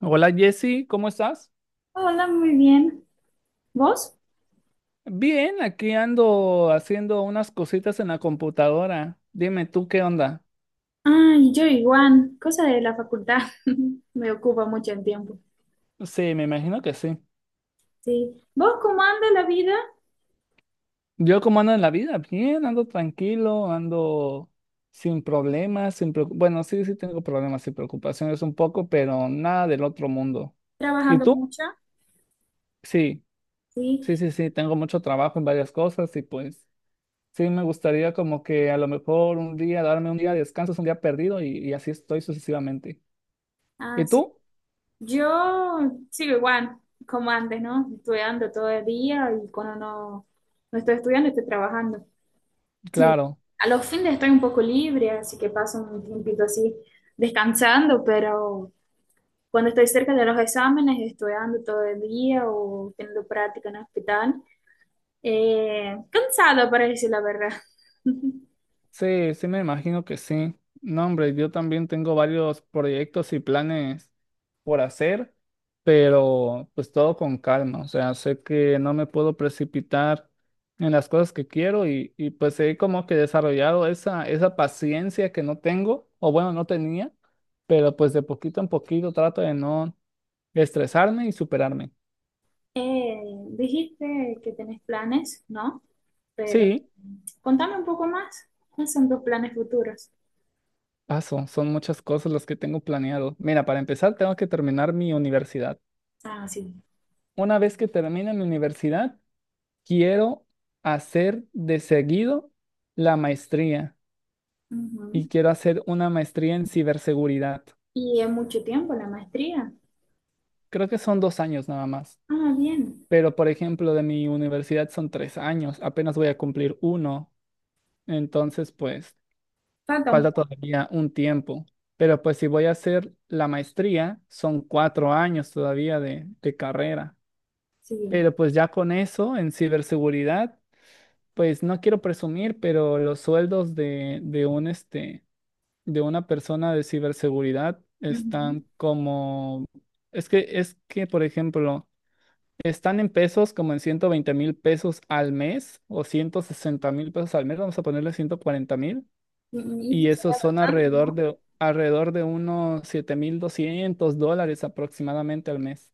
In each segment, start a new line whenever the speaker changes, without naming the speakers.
Hola Jesse, ¿cómo estás?
Hola, muy bien. ¿Vos?
Bien, aquí ando haciendo unas cositas en la computadora. Dime tú qué onda.
Ay, yo igual. Cosa de la facultad. Me ocupa mucho el tiempo.
Sí, me imagino que sí.
Sí. ¿Vos cómo anda la vida?
Yo cómo ando en la vida, bien, ando tranquilo, ando sin problemas, sin preocu- bueno, sí, sí tengo problemas y preocupaciones un poco, pero nada del otro mundo. ¿Y
Trabajando
tú?
mucho.
Sí, sí,
Sí.
sí, sí, tengo mucho trabajo en varias cosas y pues sí me gustaría como que a lo mejor un día darme un día de descanso, es un día perdido y así estoy sucesivamente.
Ah,
¿Y
sí.
tú?
Yo sigo igual, como antes, ¿no? Estudiando todo el día y cuando no, no estoy estudiando, estoy trabajando. Sí.
Claro,
A los fines estoy un poco libre, así que paso un tiempito así descansando, pero cuando estoy cerca de los exámenes, estudiando todo el día o teniendo práctica en el hospital. Cansado para decir la verdad.
sí, sí me imagino que sí. No, hombre, yo también tengo varios proyectos y planes por hacer, pero pues todo con calma. O sea, sé que no me puedo precipitar en las cosas que quiero y pues he como que desarrollado esa paciencia que no tengo, o bueno, no tenía, pero pues de poquito en poquito trato de no estresarme y superarme.
Eh, Dijiste que tenés planes, ¿no? Pero
Sí,
contame un poco más. ¿Cuáles son tus planes futuros?
paso, son muchas cosas las que tengo planeado. Mira, para empezar tengo que terminar mi universidad.
Ah, sí.
Una vez que termine mi universidad, quiero hacer de seguido la maestría y
Ujú.
quiero hacer una maestría en ciberseguridad.
¿Y es mucho tiempo la maestría?
Creo que son 2 años nada más,
Ah, bien.
pero por ejemplo de mi universidad son 3 años, apenas voy a cumplir uno, entonces pues
Falta un
falta
poco,
todavía un tiempo. Pero pues si voy a hacer la maestría, son 4 años todavía de carrera.
sí.
Pero pues ya con eso en ciberseguridad. Pues no quiero presumir, pero los sueldos de de una persona de ciberseguridad
Ujú.
están como, por ejemplo, están en pesos como en 120,000 pesos al mes o 160,000 pesos al mes, vamos a ponerle 140,000,
Y esto
y esos
será
son
bastante,
alrededor
¿no?
de unos 7,200 dólares aproximadamente al mes.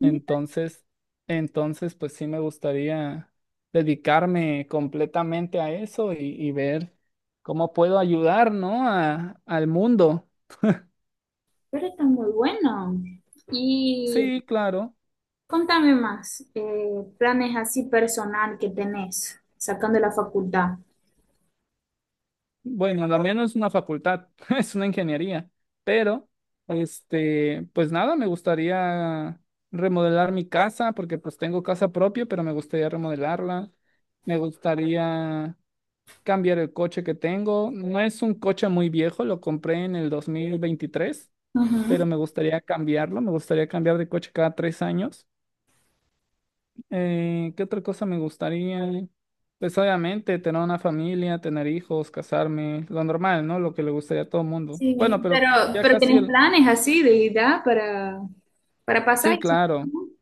Mira,
Entonces, entonces, pues sí me gustaría dedicarme completamente a eso y ver cómo puedo ayudar, ¿no? A, al mundo.
pero está muy bueno. Y
Sí, claro.
contame más, planes así personal que tenés, sacando la facultad.
Bueno, también no es una facultad, es una ingeniería, pero, pues nada, me gustaría remodelar mi casa, porque pues tengo casa propia, pero me gustaría remodelarla. Me gustaría cambiar el coche que tengo. No es un coche muy viejo, lo compré en el 2023
Ujú.
pero me gustaría cambiarlo, me gustaría cambiar de coche cada 3 años. ¿Qué otra cosa me gustaría? Pues obviamente tener una familia, tener hijos, casarme, lo normal, ¿no? Lo que le gustaría a todo el mundo.
Sí,
Bueno,
pero,
pero ya
pero
casi
tenés
el...
planes así de edad para
Sí,
pasar eso.
claro.
Ujú.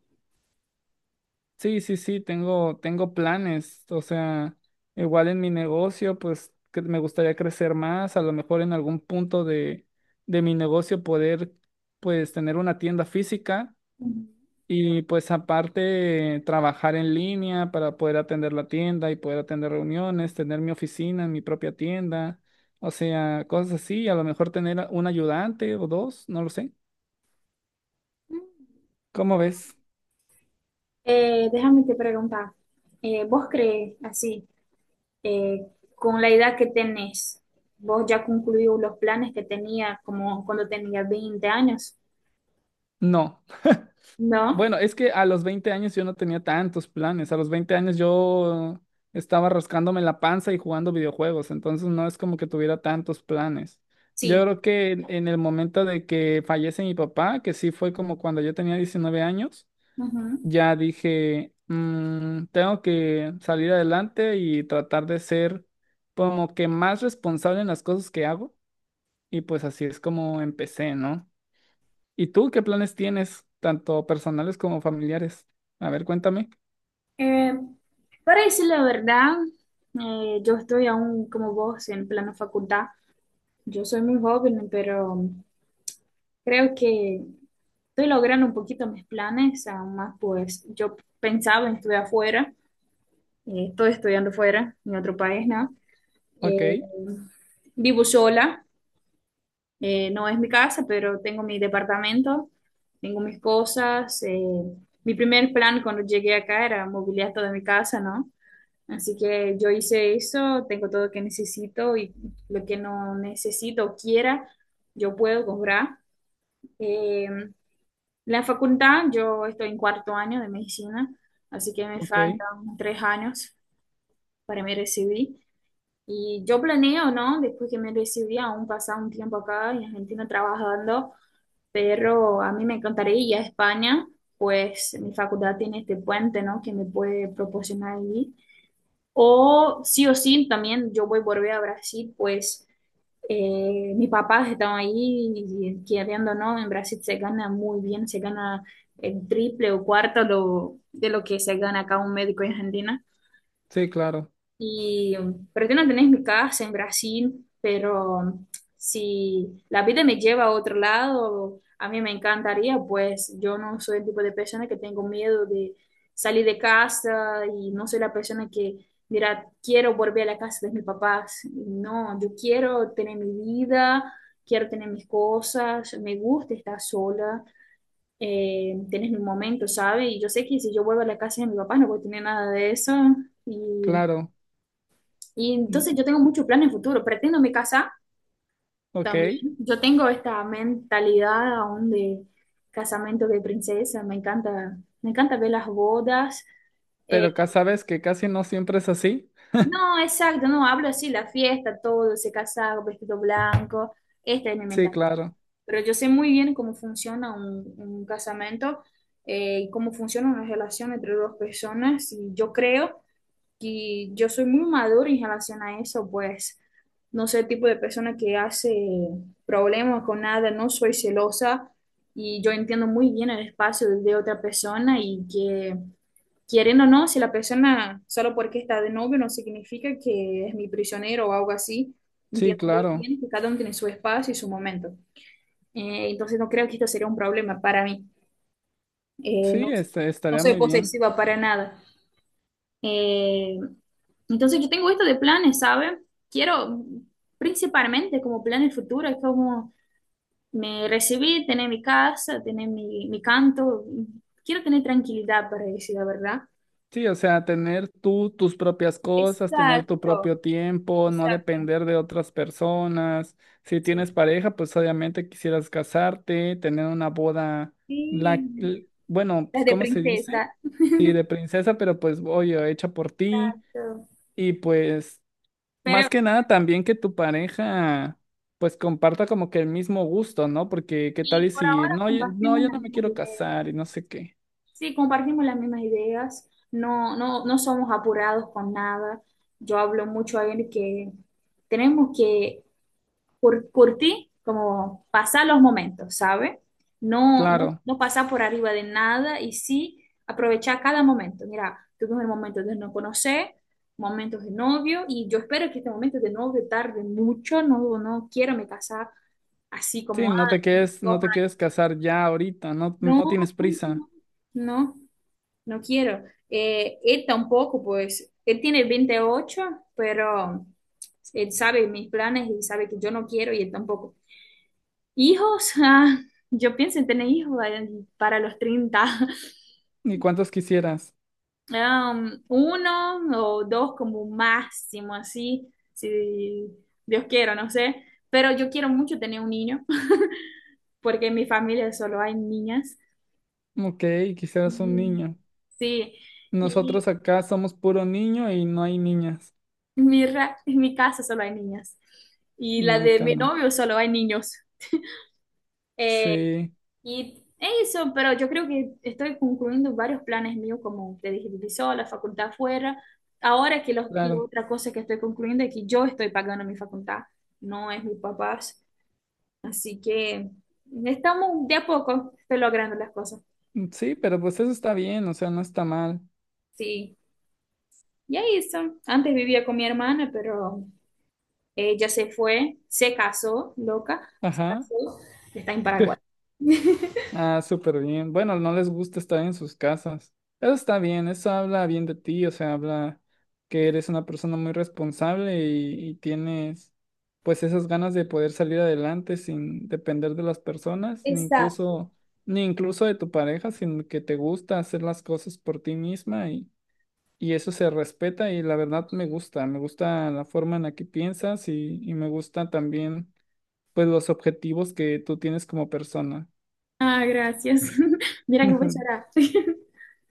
Sí, sí, sí, tengo planes, o sea, igual en mi negocio, pues que me gustaría crecer más, a lo mejor en algún punto de mi negocio poder, pues, tener una tienda física
Mm.
y pues aparte trabajar en línea para poder atender la tienda y poder atender reuniones, tener mi oficina en mi propia tienda, o sea, cosas así, a lo mejor tener un ayudante o dos, no lo sé. ¿Cómo ves?
Déjame te preguntar, ¿vos crees así, eh, con la edad que tenés, vos ya concluió los planes que tenía como cuando tenía 20 años?
No.
¿No?
Bueno, es que a los 20 años yo no tenía tantos planes. A los 20 años yo estaba rascándome la panza y jugando videojuegos, entonces no es como que tuviera tantos planes. Yo
Sí.
creo que en el momento de que fallece mi papá, que sí fue como cuando yo tenía 19 años,
Ujú.
ya dije, " tengo que salir adelante y tratar de ser como que más responsable en las cosas que hago. Y pues así es como empecé, ¿no? ¿Y tú qué planes tienes, tanto personales como familiares? A ver, cuéntame.
Eh, para decir la verdad, yo estoy aún como vos en plano facultad. Yo soy muy joven, pero creo que estoy logrando un poquito mis planes, aún más pues yo pensaba en estudiar afuera, estoy estudiando fuera, en otro país, ¿no?
Ok,
Eh, Vivo sola, no es mi casa, pero tengo mi departamento, tengo mis cosas. Mi primer plan cuando llegué acá era mobiliar toda mi casa, ¿no? Así que yo hice eso, tengo todo lo que necesito y lo que no necesito o quiera, yo puedo comprar. Eh, La facultad, yo estoy en cuarto año de medicina, así que me
ok.
faltan tres años para me recibir. Y yo planeo, ¿no? Después que me recibí, aún pasar un tiempo acá en Argentina trabajando, pero a mí me encantaría ir a España, pues mi facultad tiene este puente, ¿no? Que me puede proporcionar allí. O sí, también yo voy a volver a Brasil, pues mis papás estaban ahí y queriendo, ¿no? En Brasil se gana muy bien, se gana el triple o cuarto de lo que se gana acá un médico en Argentina.
Sí, claro,
Y pretendo tener mi casa en Brasil, pero si la vida me lleva a otro lado, a mí me encantaría, pues yo no soy el tipo de persona que tengo miedo de salir de casa y no soy la persona que dirá, quiero volver a la casa de mis papás. No, yo quiero tener mi vida, quiero tener mis cosas, me gusta estar sola, tener mi momento, ¿sabes? Y yo sé que si yo vuelvo a la casa de mis papás no voy a tener nada de eso. Y
claro.
y
Mm,
entonces yo tengo muchos planes en futuro. Pretendo me casar
ok,
también. Yo tengo esta mentalidad aún de casamiento de princesa. Me encanta ver las bodas. Eh,
pero sabes que casi no siempre es así.
no, exacto, no, hablo así, la fiesta, todo, ese casado, vestido blanco. Esta es mi
Sí,
mentalidad.
claro,
Pero yo sé muy bien cómo funciona un casamento y cómo funciona una relación entre dos personas. Y yo creo que yo soy muy madura en relación a eso, pues no soy el tipo de persona que hace problemas con nada, no soy celosa y yo entiendo muy bien el espacio de otra persona y que quieren o no, si la persona solo porque está de novio no significa que es mi prisionero o algo así,
sí,
entiendo muy
claro.
bien que cada uno tiene su espacio y su momento. Entonces no creo que esto sería un problema para mí.
Sí,
No, no
estaría
soy
muy bien.
posesiva para nada. Eh, entonces yo tengo esto de planes, ¿sabe? Quiero principalmente como plan el futuro, es como me recibí, tener mi casa, tener mi canto, quiero tener tranquilidad para decir la verdad.
Sí, o sea, tener tú tus propias cosas, tener tu
Exacto,
propio tiempo, no
exacto.
depender de otras personas. Si
Sí.
tienes pareja, pues obviamente quisieras casarte, tener una boda,
Sí,
bueno,
las
pues
de
¿cómo se dice?
princesa.
Sí, de princesa, pero pues oye, hecha por ti.
Exacto.
Y pues, más
Pero,
que nada, también que tu pareja, pues comparta como que el mismo gusto, ¿no? Porque qué tal
y
y
por
si,
ahora
no, no,
compartimos
yo
las
no me
mismas
quiero
ideas.
casar y no sé qué.
Sí, compartimos las mismas ideas, no, no, no somos apurados con nada. Yo hablo mucho a él que tenemos que curtir, como pasar los momentos, ¿sabe? No, no,
Claro.
no pasar por arriba de nada y sí aprovechar cada momento. Mira, tuvimos el momento de no conocer, momentos de novio y yo espero que este momento de novio tarde mucho, no, no quiero me casar así
Sí,
como, ah,
no te quedes,
dos
no te quieres
años.
casar ya ahorita, no,
No,
no tienes
no,
prisa.
no. No. No quiero. Él tampoco, pues, él tiene 28, pero él sabe mis planes y sabe que yo no quiero y él tampoco. Hijos, ah, yo pienso en tener hijos para los 30
¿Ni cuántos quisieras?
Um, uno o dos como máximo, así, si Dios quiera, no sé. Pero yo quiero mucho tener un niño, porque en mi familia solo hay niñas.
Ok, quisieras un
Mm,
niño.
sí.
Nosotros acá somos puro niño y no hay niñas.
En mi casa solo hay niñas y la
No,
de
acá
mi
no.
novio solo hay niños. Eh,
Sí,
y eso, pero yo creo que estoy concluyendo varios planes míos, como te dije, Divisó, la facultad afuera. Ahora que la
claro.
otra cosa que estoy concluyendo es que yo estoy pagando mi facultad, no es mis papás. Así que estamos de a poco estoy logrando las cosas.
Sí, pero pues eso está bien, o sea, no está mal.
Sí, y ahí eso. Antes vivía con mi hermana, pero ella se fue, se casó, loca, se
Ajá.
casó, está en Paraguay.
Ah, súper bien. Bueno, no les gusta estar en sus casas. Eso está bien, eso habla bien de ti, o sea, habla que eres una persona muy responsable y tienes pues esas ganas de poder salir adelante sin depender de las personas, ni
Exacto.
incluso, ni incluso de tu pareja, sino que te gusta hacer las cosas por ti misma y eso se respeta y la verdad me gusta la forma en la que piensas y me gusta también pues los objetivos que tú tienes como persona.
Ah, gracias. Mira que voy a llorar.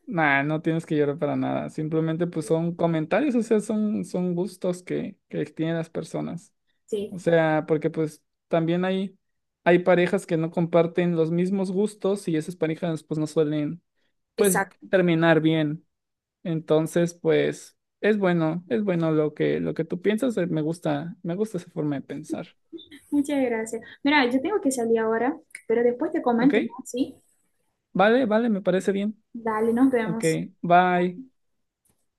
Nah, no tienes que llorar para nada. Simplemente pues son comentarios, o sea, son gustos que tienen las personas.
Sí,
O sea, porque pues también hay parejas que no comparten los mismos gustos y esas parejas pues no suelen pues
exacto.
terminar bien. Entonces, pues es bueno lo que tú piensas. Me gusta esa forma de pensar.
Muchas gracias. Mira, yo tengo que salir ahora, pero después te
¿Ok?
comento más, ¿sí?
Vale, vale, me parece bien.
Dale, nos
Ok,
vemos.
bye.